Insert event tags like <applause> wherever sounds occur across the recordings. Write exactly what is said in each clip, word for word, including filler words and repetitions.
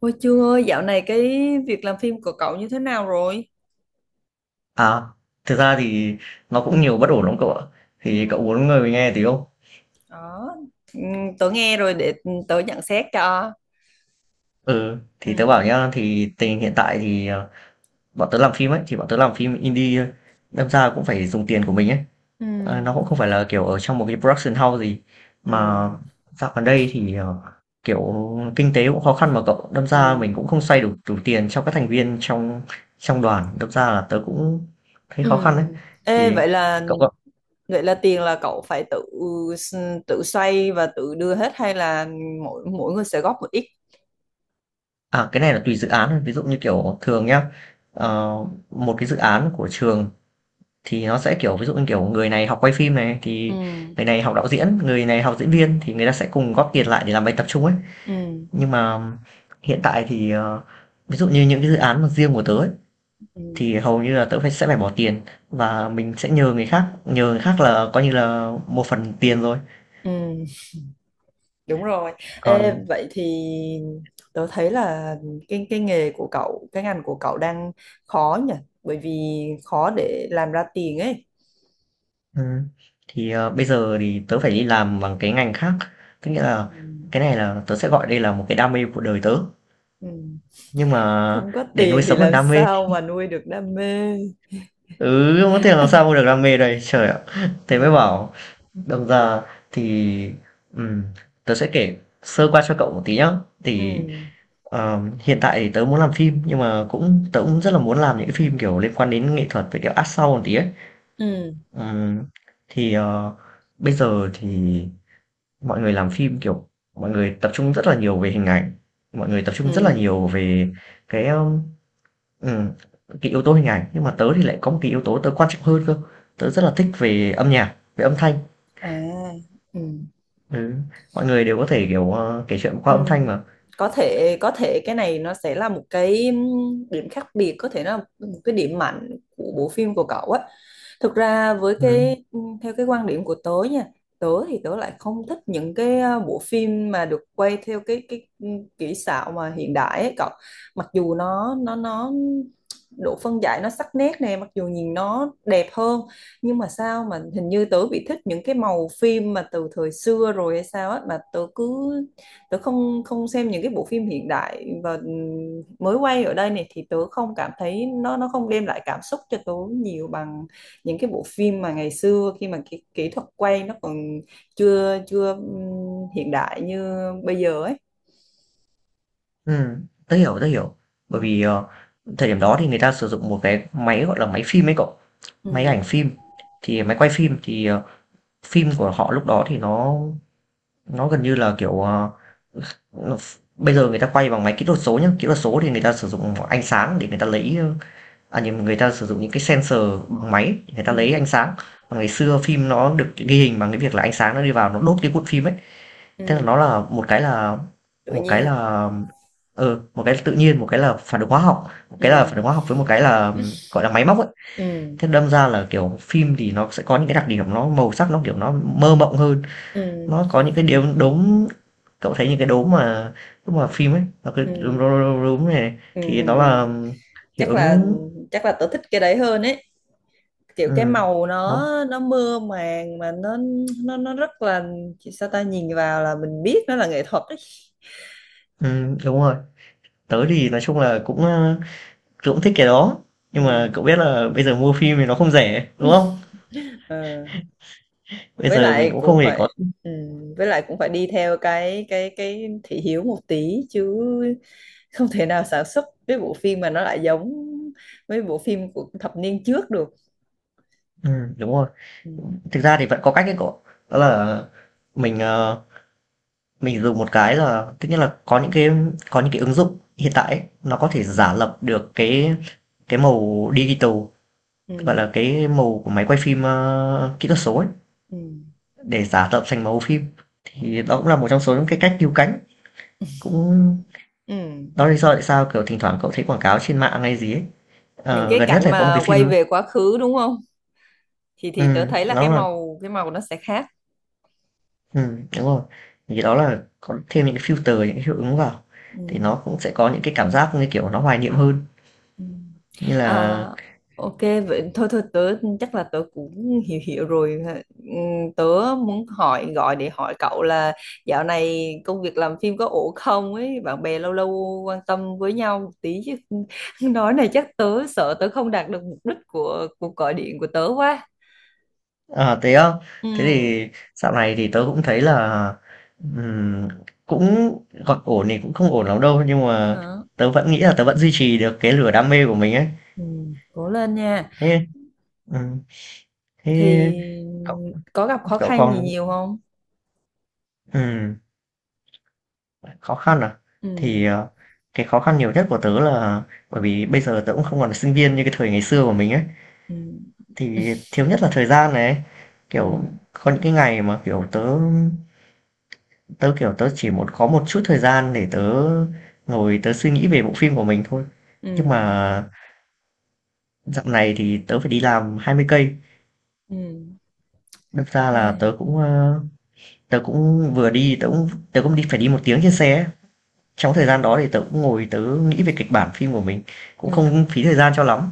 Ôi Trương ơi, dạo này cái việc làm phim của cậu như thế nào rồi? À, thực ra thì nó cũng nhiều bất ổn lắm cậu ạ. Ừ. Thì cậu muốn người nghe tí không? Đó, ừ, tớ nghe rồi để tớ nhận xét cho. Ừ, Ừ, thì tớ bảo nhá, thì tình hình hiện tại thì ờ, bọn tớ làm phim ấy, thì bọn tớ làm phim indie thôi. Đâm ra cũng phải dùng tiền của mình ấy. ừ. Ờ, nó cũng không phải là kiểu ở trong một cái production house gì. Ừ, Mà dạo gần đây thì ờ, kiểu kinh tế cũng khó khăn mà cậu. Đâm ra mình ừ, cũng không xoay đủ đủ tiền cho các thành viên trong trong đoàn. Đâm ra là tớ cũng thấy ừ. khó khăn đấy. Ê, Thì vậy là cậu... vậy là tiền là cậu phải tự tự xoay và tự đưa hết hay là mỗi mỗi người sẽ góp một ít? À, cái này là tùy dự án thôi. Ví dụ như, kiểu, thường nhá, ờ, một cái dự án của trường thì nó sẽ, kiểu, ví dụ như, kiểu, người này học quay phim này, thì Ừ. người này học đạo diễn, người này học diễn viên thì người ta sẽ cùng góp tiền lại để làm bài tập chung ấy. Ừ. Nhưng mà hiện tại thì, ờ, ví dụ như những cái dự án mà riêng của tớ ấy, Ừ, thì hầu như là tớ phải sẽ phải bỏ tiền và mình sẽ nhờ người khác, nhờ người khác là coi như là một phần tiền rồi. ừ. Đúng rồi. Còn... Ê, vậy thì tớ thấy là cái cái nghề của cậu, cái ngành của cậu đang khó nhỉ? Bởi vì khó để làm ra tiền ấy. Ừ. Thì ờ, bây giờ thì tớ phải đi làm bằng cái ngành khác. Tức nghĩa là Ừ. cái này là tớ sẽ gọi đây là một cái đam mê của đời tớ. Ừ. Nhưng mà Không có để nuôi tiền thì sống được làm đam mê... sao mà nuôi được đam mê? Ừ, không có tiền làm sao mua được đam mê đây Trời ạ, thế mới Ừ. bảo đồng ra thì ừm, tớ sẽ kể sơ qua cho cậu một tí nhá. Ừ. Thì ờ, hiện tại thì tớ muốn làm phim. Nhưng mà cũng tớ cũng rất là muốn làm những cái phim kiểu liên quan đến nghệ thuật, với kiểu art sau một tí ấy. Ừ. Ừm, Thì ờ, bây giờ thì mọi người làm phim, kiểu, mọi người tập trung rất là nhiều về hình ảnh, mọi người tập trung rất là Ừ. nhiều về cái, a ừm, cái yếu tố hình ảnh, nhưng mà tớ thì lại có một cái yếu tố tớ quan trọng hơn cơ, tớ rất là thích về âm nhạc, về âm thanh. À. Ừ. Ừ, mọi người đều có thể, kiểu, ờ, kể chuyện qua Ừ. âm thanh mà. Có thể có thể cái này nó sẽ là một cái ừm, điểm khác biệt, có thể nó là một cái điểm mạnh của bộ phim của cậu á. Thực ra với Ừm, cái ừm, theo cái quan điểm của tớ nha, tớ thì tớ lại không thích những cái ờ, bộ phim mà được quay theo cái cái ừm, kỹ xảo mà hiện đại ấy cậu. Mặc dù nó nó nó độ phân giải nó sắc nét nè, mặc dù nhìn nó đẹp hơn, nhưng mà sao mà hình như tớ bị thích những cái màu phim mà từ thời xưa rồi hay sao á mà tớ cứ tớ không không xem những cái bộ phim hiện đại và mới quay ở đây này, thì tớ không cảm thấy nó nó không đem lại cảm xúc cho tớ nhiều bằng những cái bộ phim mà ngày xưa khi mà kỹ, kỹ thuật quay nó còn chưa chưa ừm, hiện đại như bây giờ ấy. ừm, tớ hiểu, tớ hiểu. Bởi Ừ, vì, ờ, thời điểm đó thì người ta sử dụng một cái máy, gọi là, máy phim ấy cậu, ừ, máy ảnh phim, thì máy quay phim thì, ờ, phim của họ lúc đó thì nó nó gần như là, kiểu, ờ bây giờ người ta quay bằng máy kỹ thuật số nhé. Kỹ thuật số thì người ta sử dụng ánh sáng để người ta lấy, à nhầm, người ta sử dụng những cái sensor bằng máy, người ta ừ, lấy ánh sáng. Còn ngày xưa phim nó được ghi hình bằng cái việc là ánh sáng nó đi vào nó đốt cái cuộn phim ấy. Thế là nó ừ, là một cái là tự một cái nhiên, là ừ, một cái là tự nhiên, một cái là phản ứng hóa học, một cái là phản ừ, ứng hóa học với một cái là gọi là máy móc ấy. ừ, Thế đâm ra là kiểu phim thì nó sẽ có những cái đặc điểm, nó màu sắc nó kiểu nó mơ mộng hơn, ừ, nó có những cái điều đốm. Cậu thấy những cái đốm mà lúc mà phim ấy, nó cái ừ, đúm, đúm, ừ, đúm, đúm này ừ. thì Ừ, nó ừ. là hiệu chắc là ứng. chắc là tớ thích cái đấy hơn ấy, kiểu cái ừm, màu nó nó... nó mơ màng mà nó, nó nó rất là, sao ta nhìn vào là mình biết nó là nghệ thuật ấy. ừm, đúng rồi. Tớ thì nói chung là cũng, ơ, tớ cũng thích cái đó, nhưng Ừ. mà cậu biết là bây giờ mua phim thì nó không rẻ, đúng không? Ờ. Bây Với giờ mình lại cũng không cũng hề có... phải ừ. Với lại cũng phải đi theo cái cái cái thị hiếu một tí chứ, không thể nào sản xuất cái bộ phim mà nó lại giống mấy bộ phim của thập niên trước được. ừm, đúng rồi. Ừ. Thực ra thì vẫn có cách đấy cậu, đó là mình, ờ, mình dùng một cái là tất nhiên là có những cái, có những cái ứng dụng hiện tại ấy, nó có thể Ừ. giả lập được cái cái màu digital, gọi Ừ. là cái màu của máy quay phim ờ, kỹ thuật số ấy, Ừ. để giả tạo thành màu phim. Thì đó cũng là một trong số những cái cách cứu cánh, cũng Ừ. đó là lý do tại sao kiểu thỉnh thoảng cậu thấy quảng cáo trên mạng hay gì ấy. Những Ờ, cái Gần nhất cảnh là có một cái mà quay phim... về quá khứ đúng không? Thì ừ, thì tớ thấy là cái nó là màu, cái màu nó sẽ khác. ừ, đúng rồi, thì đó là có thêm những cái filter, những cái hiệu ứng vào Ừ. thì nó cũng sẽ có những cái cảm giác như kiểu nó hoài niệm hơn, Ừ. như À, là... ok, vậy thôi, thôi tớ chắc là tớ cũng hiểu hiểu rồi. Ừ, tớ muốn hỏi, gọi để hỏi cậu là dạo này công việc làm phim có ổn không ấy, bạn bè lâu lâu quan tâm với nhau một tí chứ. <laughs> Nói này chắc tớ sợ tớ không đạt được mục đích của cuộc gọi điện của tớ quá. À, thế á? Ừ. Thế thì dạo này thì tớ cũng thấy là ừm, cũng gọi ổn thì cũng không ổn lắm đâu, nhưng mà Hả. tớ vẫn nghĩ là tớ vẫn duy trì được cái lửa đam mê của mình ấy. Ừ, cố lên nha. Thế ừm, Thì thế cậu có gặp khó cậu khăn gì còn nhiều không? ừm, khó khăn à? Ừ, Thì ờ, cái khó khăn nhiều nhất của tớ là bởi vì bây giờ tớ cũng không còn là sinh viên như cái thời ngày xưa của mình ấy, ừ, thì thiếu nhất là thời gian này ấy. ừ, Kiểu có những cái ngày mà kiểu tớ... Tớ, kiểu, tớ chỉ một có một chút thời gian để tớ ngồi tớ suy nghĩ về bộ phim của mình thôi. ừ, Nhưng mà dạo này thì tớ phải đi làm hai mươi cây, ừ. đâm ra là tớ Ai, cũng, ơ, tớ cũng vừa đi tớ cũng tớ cũng đi phải đi một tiếng trên xe ấy. Trong thời ừ. gian đó thì tớ cũng ngồi tớ nghĩ về kịch bản phim của mình, cũng Ừ. không phí thời gian cho lắm.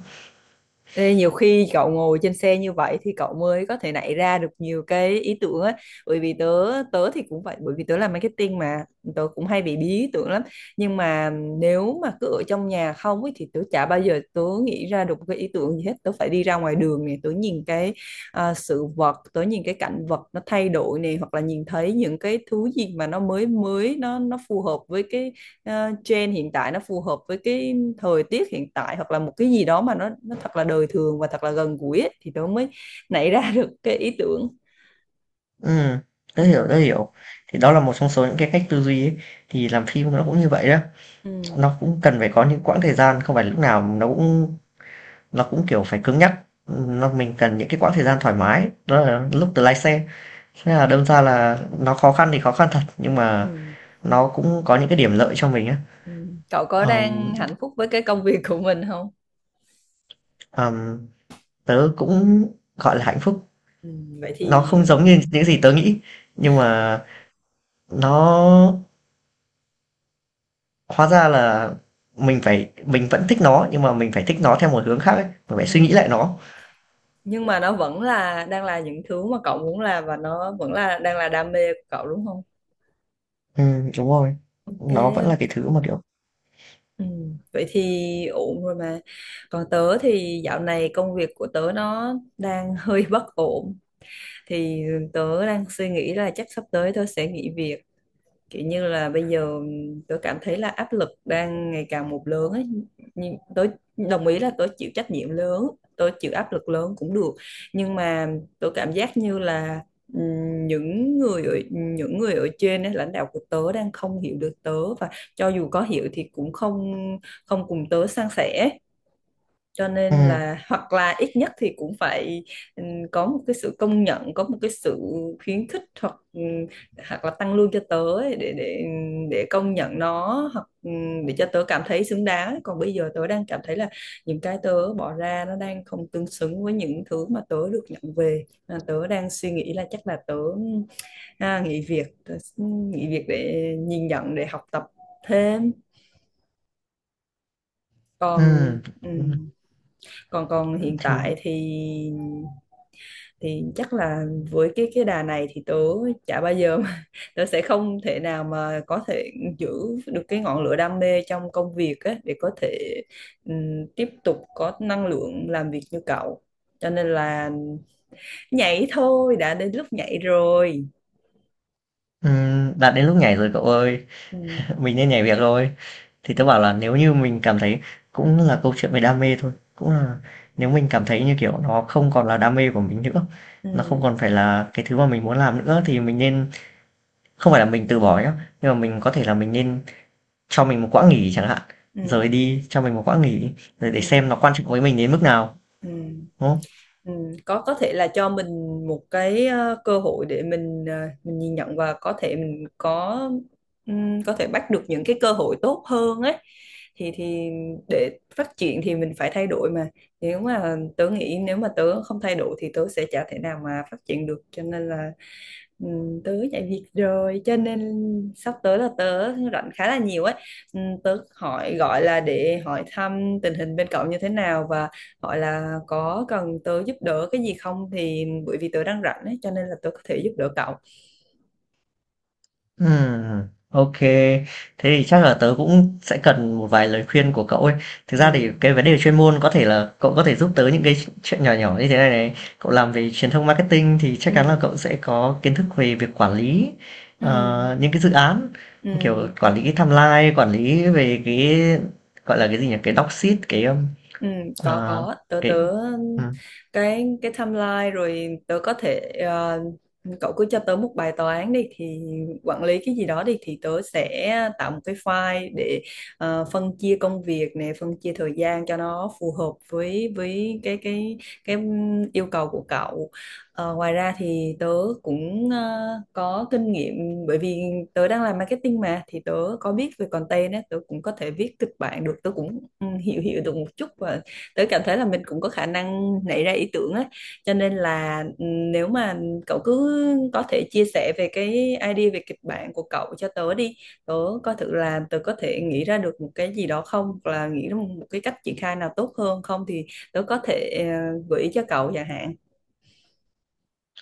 Ê, nhiều khi cậu ngồi trên xe như vậy thì cậu mới có thể nảy ra được nhiều cái ý tưởng ấy. Bởi vì tớ, tớ thì cũng vậy, bởi vì tớ làm marketing mà, tớ cũng hay bị bí ý tưởng lắm, nhưng mà nếu mà cứ ở trong nhà không ấy, thì tớ chả bao giờ tớ nghĩ ra được một cái ý tưởng gì hết. Tớ phải đi ra ngoài đường này, tớ nhìn cái, à, sự vật, tớ nhìn cái cảnh vật nó thay đổi này, hoặc là nhìn thấy những cái thứ gì mà nó mới mới nó, nó phù hợp với cái uh, trend hiện tại, nó phù hợp với cái thời tiết hiện tại, hoặc là một cái gì đó mà nó, nó thật là đời thường và thật là gần gũi ấy, thì tớ mới nảy ra được cái ý tưởng. Ừm, tớ Ừ, hiểu, tớ hiểu. Thì đó là một trong số những cái cách tư duy ấy, thì làm phim nó cũng như vậy đó, ừ, nó cũng cần phải có những quãng thời gian, không phải lúc nào nó cũng nó cũng kiểu phải cứng nhắc, nó mình cần những cái quãng thời gian thoải mái, đó là lúc từ lái xe. Thế là đâm ra là nó khó khăn thì khó khăn thật, nhưng mà ừ, nó cũng có những cái điểm lợi cho mình á. ừ. Cậu có Ờm, đang hạnh phúc với cái công việc của mình không? ờm, tớ cũng gọi là hạnh phúc. Ừ, vậy Nó thì không giống như những gì tớ nghĩ, nhưng mà nó hóa ra là mình phải mình vẫn thích nó, nhưng mà mình phải thích nó theo một hướng khác ấy, mình phải suy nghĩ ừ. lại nó. Nhưng mà nó vẫn là đang là những thứ mà cậu muốn làm và nó vẫn là đang là đam mê của cậu đúng không? Ừ, đúng rồi, nó vẫn cái là cái thứ mà kiểu... ừ. Vậy thì ổn rồi mà. Còn tớ thì dạo này công việc của tớ nó đang hơi bất ổn, thì tớ đang suy nghĩ là chắc sắp tới tớ sẽ nghỉ việc, kiểu như là bây giờ tớ cảm thấy là áp lực đang ngày càng một lớn ấy. Nhưng tớ đồng ý là tớ chịu trách nhiệm lớn, tớ chịu áp lực lớn cũng được, nhưng mà tớ cảm giác như là ừm, những người ở, những người ở trên ấy, lãnh đạo của tớ đang không hiểu được tớ, và cho dù có hiểu thì cũng không, không cùng tớ san sẻ. Cho nên Ừ, là hoặc là ít nhất thì cũng phải ừm, có một cái sự công nhận, có một cái sự khuyến khích, hoặc ừm, hoặc là tăng lương cho tớ ấy, để, để để công nhận nó, hoặc ừm, để cho tớ cảm thấy xứng đáng. Còn bây giờ tớ đang cảm thấy là những cái tớ bỏ ra nó đang không tương xứng với những thứ mà tớ được nhận về. À, tớ đang suy nghĩ là chắc là tớ à, nghỉ việc tớ nghỉ việc để nhìn nhận, để học tập thêm. Còn ừ, ừm, còn, còn hiện tại thì... thì, thì chắc là với cái cái đà này thì tớ chả bao giờ mà, <laughs> tớ sẽ không thể nào mà có thể giữ được cái ngọn lửa đam mê trong công việc á để có thể ừm, tiếp tục có năng lượng làm việc như cậu. Cho nên là nhảy thôi, đã đến lúc nhảy rồi. Ừm, đã đến lúc nhảy rồi cậu ơi, Ừ, <laughs> mình nên nhảy việc rồi. Thì tớ bảo là nếu như mình cảm thấy, cũng là câu chuyện về đam mê thôi, cũng là nếu mình cảm thấy như kiểu nó không còn là đam mê của mình nữa, nó không ừ, còn phải là cái thứ mà mình muốn làm nữa, thì mình nên... không phải là mình từ bỏ nhá, nhưng mà mình có thể là mình nên cho mình một quãng nghỉ chẳng hạn, rời ừ, đi cho mình một quãng nghỉ rồi để xem nó ừ, quan trọng với mình đến mức nào, ừ. đúng không? Ừ, có có thể là cho mình một cái ờ, cơ hội để mình, ờ, mình nhìn nhận và có thể mình có ừm, có thể bắt được những cái cơ hội tốt hơn ấy. Thì thì để phát triển thì mình phải thay đổi mà, nếu mà tớ nghĩ nếu mà tớ không thay đổi thì tớ sẽ chả thể nào mà phát triển được. Cho nên là ừm, tớ nhảy việc rồi cho nên sắp tới là tớ rảnh khá là nhiều ấy. Ừm, tớ hỏi gọi là để hỏi thăm tình hình bên cậu như thế nào, và gọi là có cần tớ giúp đỡ cái gì không, thì bởi vì tớ đang rảnh ấy cho nên là tớ có thể giúp đỡ cậu. Ừm, ô. Thế thì chắc là tớ cũng sẽ cần một vài lời khuyên của cậu ấy. Thực Ừ, ra thì cái vấn đề chuyên môn có thể là cậu có thể giúp tớ những cái chuyện nhỏ nhỏ như thế này này. Cậu làm về truyền thông marketing thì ừ, chắc chắn là cậu sẽ có kiến thức về việc quản lý, ừ, ờ, những cái dự án, như kiểu, ừ, quản lý timeline, quản lý về cái, gọi là, cái gì nhỉ? Cái doc sheet cái, ưm, ừ. có ờ, có tớ cái tớ ừm, cái, cái timeline rồi tớ có thể, ờ, cậu cứ cho tớ một bài toán đi, thì quản lý cái gì đó đi thì tớ sẽ tạo một cái file để ờ, phân chia công việc này, phân chia thời gian cho nó phù hợp với với cái, cái cái yêu cầu của cậu. Ờ, ngoài ra thì tớ cũng ờ, có kinh nghiệm, bởi vì tớ đang làm marketing mà, thì tớ có biết về content á, tớ cũng có thể viết kịch bản được, tớ cũng ừ, hiểu hiểu được một chút, và tớ cảm thấy là mình cũng có khả năng nảy ra ý tưởng á. Cho nên là ừ, nếu mà cậu cứ có thể chia sẻ về cái idea về kịch bản của cậu cho tớ đi, tớ coi thử là tớ có thể nghĩ ra được một cái gì đó không, hoặc là nghĩ ra một một cái cách triển khai nào tốt hơn không, thì tớ có thể ờ, gợi ý cho cậu chẳng hạn.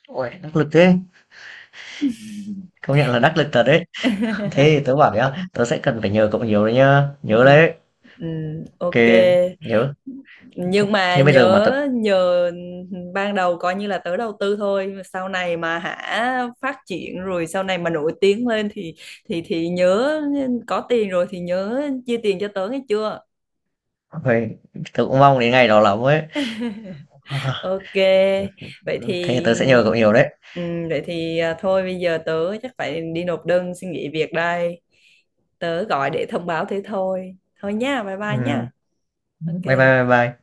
uầy, đắc lực thế, công nhận là đắc lực thật đấy. Thế thì <laughs> tớ bảo nhá, tớ sẽ cần phải nhờ cậu nhiều đấy nhá, Ừ, nhớ đấy. ừ, Ok, ok. nhớ thế, Nhưng mà thế bây giờ mà nhớ tớ... nhờ, ban đầu coi như là tớ đầu tư thôi, sau này mà hả phát triển rồi, sau này mà nổi tiếng lên thì, thì thì nhớ, có tiền rồi thì nhớ chia tiền cho tớ nghe chưa. ôi, tớ cũng mong đến ngày đó lắm ấy. <laughs> Ok, vậy <sighs> thì Thế tớ sẽ nhờ cậu nhiều đấy. ừm, vậy thì à, thôi bây giờ tớ chắc phải đi nộp đơn xin nghỉ việc đây. Tớ gọi để thông báo thế thôi, thôi nha, bye bye Ừ. nha. Bye bye bye Ok. bye.